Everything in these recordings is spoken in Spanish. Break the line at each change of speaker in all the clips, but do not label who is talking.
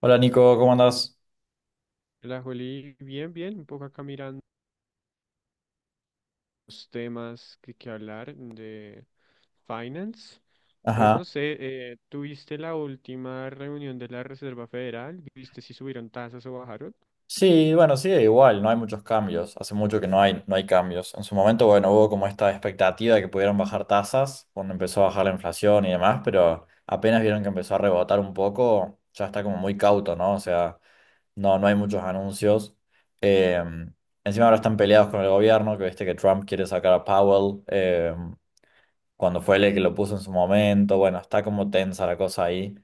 Hola Nico, ¿cómo andás?
La Juli, bien, bien, un poco acá mirando los temas que hablar de finance. Pues
Ajá.
no sé, ¿tuviste la última reunión de la Reserva Federal? ¿Viste si subieron tasas o bajaron?
Sí, bueno, sigue igual, no hay muchos cambios. Hace mucho que no hay cambios. En su momento, bueno, hubo como esta expectativa de que pudieran bajar tasas cuando empezó a bajar la inflación y demás, pero apenas vieron que empezó a rebotar un poco, ya está como muy cauto, ¿no? O sea, no, no hay muchos anuncios. Eh, encima ahora están peleados con el gobierno, que viste que Trump quiere sacar a Powell. Cuando fue él el que lo puso en su momento. Bueno, está como tensa la cosa ahí.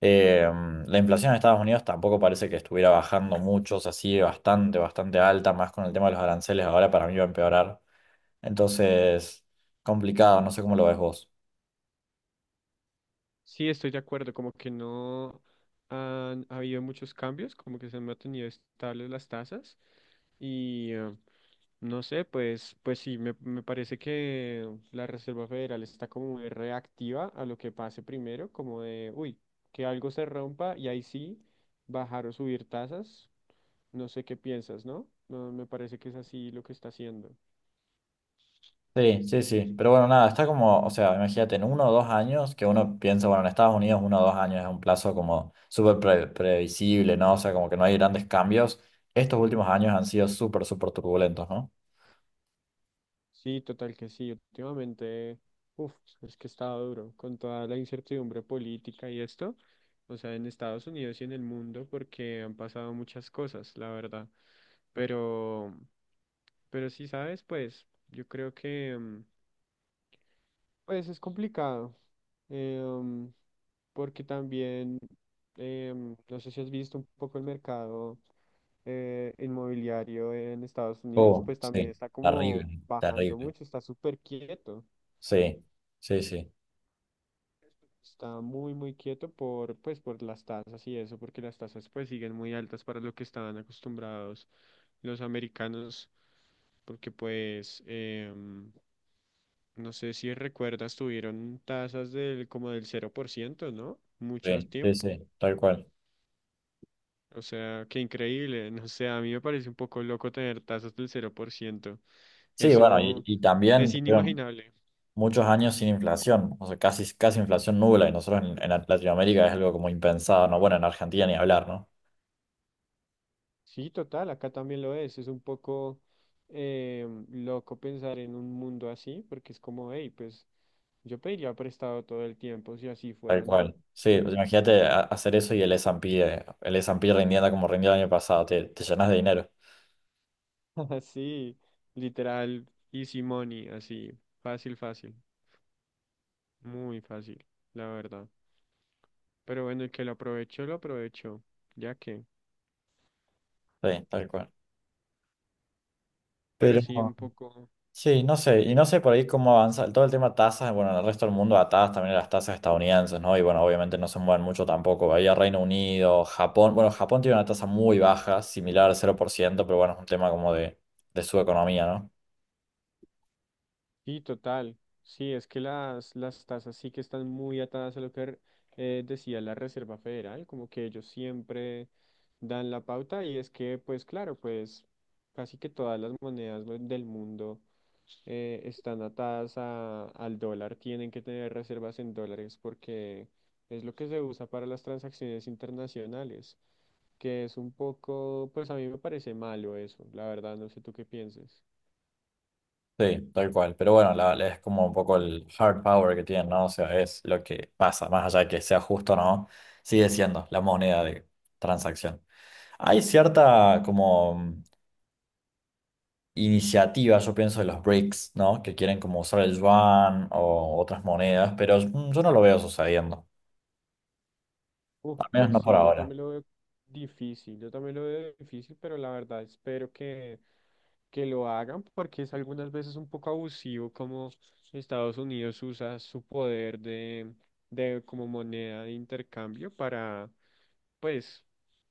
Eh, la inflación en Estados Unidos tampoco parece que estuviera bajando mucho, o sea, sigue bastante, bastante alta, más con el tema de los aranceles ahora para mí va a empeorar. Entonces, complicado, no sé cómo lo ves vos.
Sí, estoy de acuerdo, como que no han habido muchos cambios, como que se han mantenido estables las tasas y eh, No sé, pues, pues sí, me parece que la Reserva Federal está como muy reactiva a lo que pase primero, como de, uy, que algo se rompa y ahí sí, bajar o subir tasas. No sé qué piensas, ¿no? No, me parece que es así lo que está haciendo.
Sí, sí, sí, pero bueno, nada, está como, o sea, imagínate, en uno o dos años, que uno piensa, bueno, en Estados Unidos uno o dos años es un plazo como súper previsible, ¿no? O sea, como que no hay grandes cambios. Estos últimos años han sido súper, súper turbulentos, ¿no?
Sí, total que sí. Últimamente, uf es que estaba duro con toda la incertidumbre política y esto, o sea, en Estados Unidos y en el mundo, porque han pasado muchas cosas, la verdad. Pero. Pero sí, sabes, pues yo creo que pues es complicado. eh, mm, Porque también no sé si has visto un poco el mercado inmobiliario en Estados Unidos,
Oh,
pues también
sí,
está como
terrible,
bajando
terrible.
mucho, está súper quieto.
Sí, sí, sí,
Está muy, muy quieto por, pues, por las tasas y eso, porque las tasas pues siguen muy altas para lo que estaban acostumbrados los americanos, porque pues no sé si recuerdas, tuvieron tasas del como del cero por ciento, ¿no? Mucho
sí, sí,
tiempo.
sí, tal cual.
O sea, qué increíble. No sé, a mí me parece un poco loco tener tasas del cero por ciento.
Sí, bueno, y,
Eso
y
es
también fueron
inimaginable.
muchos años sin inflación, o sea, casi, casi inflación nula, y nosotros en Latinoamérica es algo como impensado, ¿no? Bueno, en Argentina ni hablar, ¿no?
Sí, total, acá también lo es. Es un poco loco pensar en un mundo así, porque es como, hey, pues yo pediría prestado todo el tiempo si así
Tal
fuera, ¿no?
cual. Sí, pues imagínate hacer eso y el S&P, el S&P rindiendo como rindió el año pasado, te llenas de dinero.
Así, literal, easy money, así, fácil, fácil, muy fácil, la verdad. Pero bueno, el que lo aprovechó, ya que.
Sí, tal cual.
Pero
Pero,
sí, un poco.
sí, no sé, y no sé por ahí cómo avanza todo el tema tasas, bueno, en el resto del mundo atadas también a las tasas estadounidenses, ¿no? Y bueno, obviamente no se mueven mucho tampoco, ahí a Reino Unido, Japón, bueno, Japón tiene una tasa muy baja, similar al 0%, pero bueno, es un tema como de su economía, ¿no?
Sí, total. Sí, es que las tasas sí que están muy atadas a lo que decía la Reserva Federal, como que ellos siempre dan la pauta y es que, pues claro, pues casi que todas las monedas del mundo están atadas al dólar, tienen que tener reservas en dólares porque es lo que se usa para las transacciones internacionales, que es un poco, pues a mí me parece malo eso, la verdad, no sé tú qué pienses.
Sí, tal cual, pero bueno, es como un poco el hard power que tienen, ¿no? O sea, es lo que pasa, más allá de que sea justo o no, sigue siendo la moneda de transacción. Hay cierta como iniciativas, yo pienso de los BRICS, ¿no? Que quieren como usar el yuan o otras monedas, pero yo no lo veo sucediendo,
Uf,
al menos
pues
no por
sí, yo
ahora.
también lo veo difícil, yo también lo veo difícil, pero la verdad espero que lo hagan porque es algunas veces un poco abusivo como Estados Unidos usa su poder de como moneda de intercambio para pues,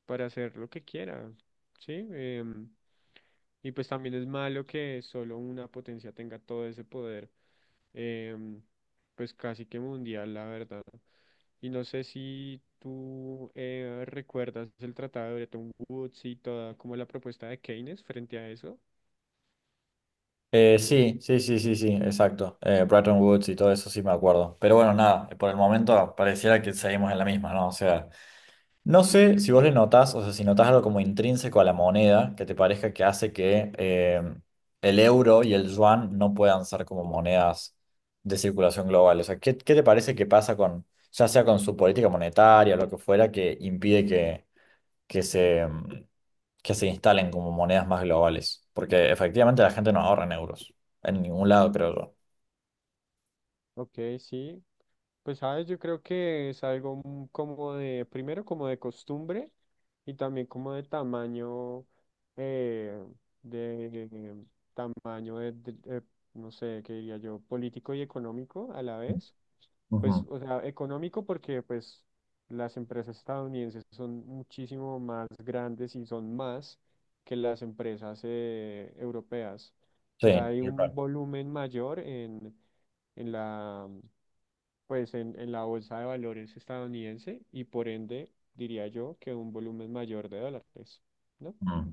para hacer lo que quiera, ¿sí? Y pues también es malo que solo una potencia tenga todo ese poder, em, pues casi que mundial, la verdad. Y no sé si tú recuerdas el tratado de Bretton Woods y toda como la propuesta de Keynes frente a eso.
Sí, sí, sí, sí, sí, exacto. Bretton Woods y todo eso sí me acuerdo. Pero bueno, nada, por el momento pareciera que seguimos en la misma, ¿no? O sea. No sé si vos le notás, o sea, si notás algo como intrínseco a la moneda, que te parezca que hace que el euro y el yuan no puedan ser como monedas de circulación global. O sea, ¿qué te parece que pasa con, ya sea con su política monetaria o lo que fuera, que impide que se, mm, que se instalen como monedas más globales? Porque efectivamente la gente no ahorra en euros, en ningún lado, creo yo.
Ok, sí. Pues sabes, yo creo que es algo como de, primero como de costumbre y también como de tamaño, eh, de tamaño de no sé, qué diría yo, político y económico a la vez. Pues,
Ujú.
o sea, económico porque pues las empresas estadounidenses son muchísimo más grandes y son más que las empresas europeas. O
Sí,
sea, hay un
tal.
volumen mayor en la pues en la bolsa de valores estadounidense y por ende diría yo que un volumen mayor de dólares, ¿no?
Mm.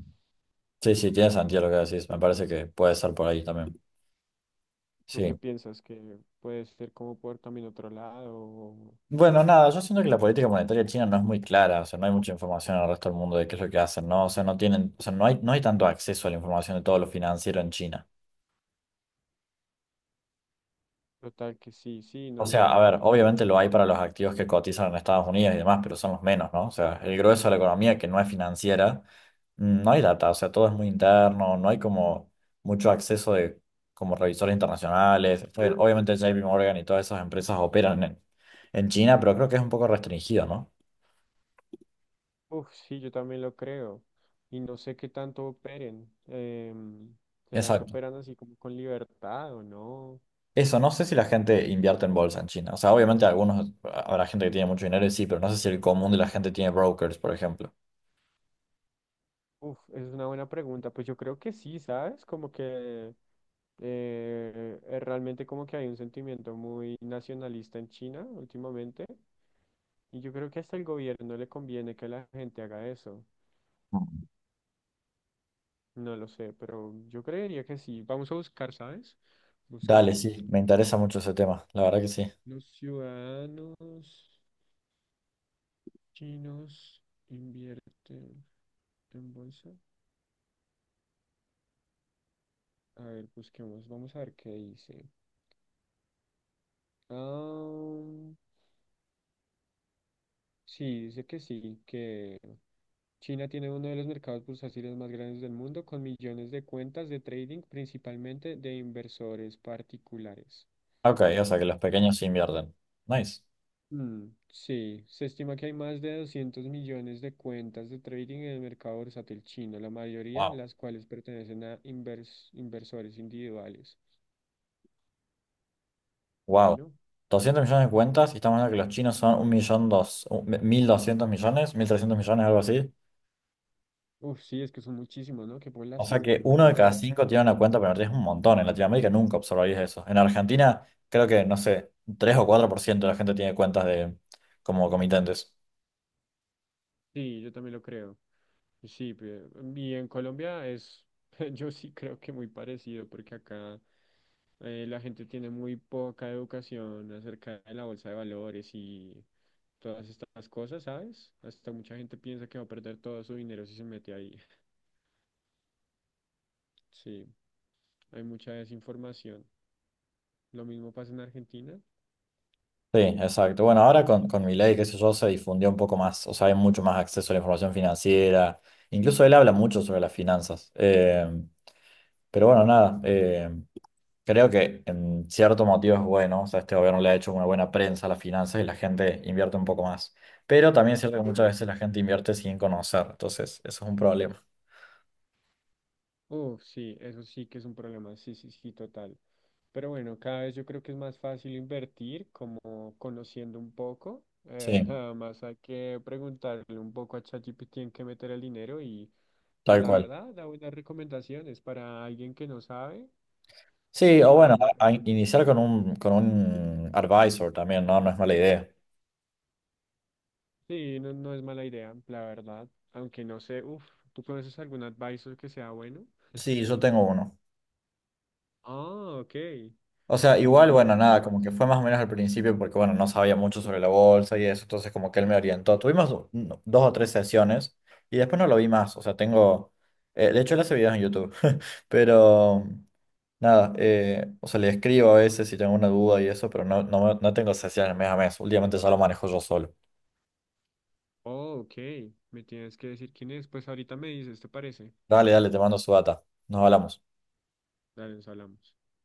Sí, sí, tiene sentido lo que decís. Me parece que puede ser por ahí también.
¿Tú qué
Sí.
piensas que puede ser como por también otro lado o
Bueno, nada, yo siento que la política monetaria china no es muy clara, o sea, no hay mucha información al resto del mundo de qué es lo que hacen, ¿no? O sea, no tienen, o sea, no hay tanto acceso a la información de todo lo financiero en China.
total que sí, sí,
O
no
sea,
lo
a
hay?
ver, obviamente lo hay para los activos que cotizan en Estados Unidos y demás, pero son los menos, ¿no? O sea, el grueso de la economía que no es financiera, no hay data, o sea, todo es muy interno, no hay como mucho acceso de como revisores internacionales. O sea, obviamente JP Morgan y todas esas empresas operan en China, pero creo que es un poco restringido, ¿no?
Uf, sí, yo también lo creo y no sé qué tanto operen. ¿Será que
Exacto.
operan así como con libertad o no?
Eso, no sé si la gente invierte en bolsa en China. O sea, obviamente algunos, habrá gente que tiene mucho dinero y sí, pero no sé si el común de la gente tiene brokers, por ejemplo.
Uf, es una buena pregunta. Pues yo creo que sí, ¿sabes? Como que realmente como que hay un sentimiento muy nacionalista en China últimamente y yo creo que hasta el gobierno le conviene que la gente haga eso.
Mm.
No lo sé, pero yo creería que sí. Vamos a buscar, ¿sabes?
Dale, sí,
Busquemos.
me interesa mucho ese tema, la verdad que sí.
Los ciudadanos chinos invierten en bolsa. A ver, busquemos. Vamos a ver qué dice. Ah, sí, dice que sí, que... China tiene uno de los mercados bursátiles más grandes del mundo, con millones de cuentas de trading, principalmente de inversores particulares.
Ok, o sea que los pequeños sí invierten. Nice.
Mm, sí, se estima que hay más de 200 millones de cuentas de trading en el mercado bursátil chino, la mayoría
Wow.
las cuales pertenecen a inversores individuales.
Wow.
Bueno,
200 millones de cuentas y estamos hablando que los chinos son un millón dos, un- 1.200 millones, 1.300 millones, algo así.
uf, sí, es que son muchísimos, ¿no? Qué
O sea
población
que
tan
uno de cada
grande.
cinco tiene una cuenta pero es un montón. En Latinoamérica nunca observarías eso. En Argentina, creo que, no sé, 3 o 4% de la gente tiene cuentas de como comitentes.
Sí, yo también lo creo. Sí, pe- y en Colombia es, yo sí creo que muy parecido, porque acá... la gente tiene muy poca educación acerca de la bolsa de valores y todas estas cosas, ¿sabes? Hasta mucha gente piensa que va a perder todo su dinero si se mete ahí. Sí, hay mucha desinformación. Lo mismo pasa en Argentina.
Sí, exacto. Bueno, ahora con Milei, qué sé yo, se difundió un poco más. O sea, hay mucho más acceso a la información financiera. Incluso él habla mucho sobre las finanzas. Pero bueno, nada. Creo que en cierto motivo es bueno, o sea, este gobierno le ha hecho una buena prensa a las finanzas y la gente invierte un poco más. Pero también es cierto que muchas veces la gente invierte sin conocer, entonces eso es un problema.
Oh, sí, eso sí que es un problema, sí, sí, sí, total. Pero bueno, cada vez yo creo que es más fácil invertir, como conociendo un poco.
Sí,
Nada más hay que preguntarle un poco a ChatGPT en qué meter el dinero y pues
tal
la
cual.
verdad, da buenas recomendaciones. Para alguien que no sabe,
Sí, o
da
bueno,
buenas
a
recomendaciones.
iniciar con un advisor también, ¿no? No es mala idea.
Sí, no, no es mala idea, la verdad. Aunque no sé, uff, ¿tú conoces algún advisor que sea bueno?
Sí, yo tengo uno.
Ah, ok.
O sea, igual,
¿Y
bueno,
le
nada, como que
pagas?
fue más o menos al principio porque, bueno, no sabía mucho sobre la bolsa y eso, entonces como que él me orientó. Tuvimos no, dos o tres sesiones y después no lo vi más, o sea, tengo, de hecho él hace videos en YouTube, pero nada, o sea, le escribo a veces si tengo una duda y eso, pero no tengo sesiones mes a mes, últimamente ya lo manejo yo solo.
Oh, ok. Me tienes que decir quién es. Pues ahorita me dices, ¿te parece?
Dale, dale, te mando su data, nos hablamos.
Dale, nos hablamos.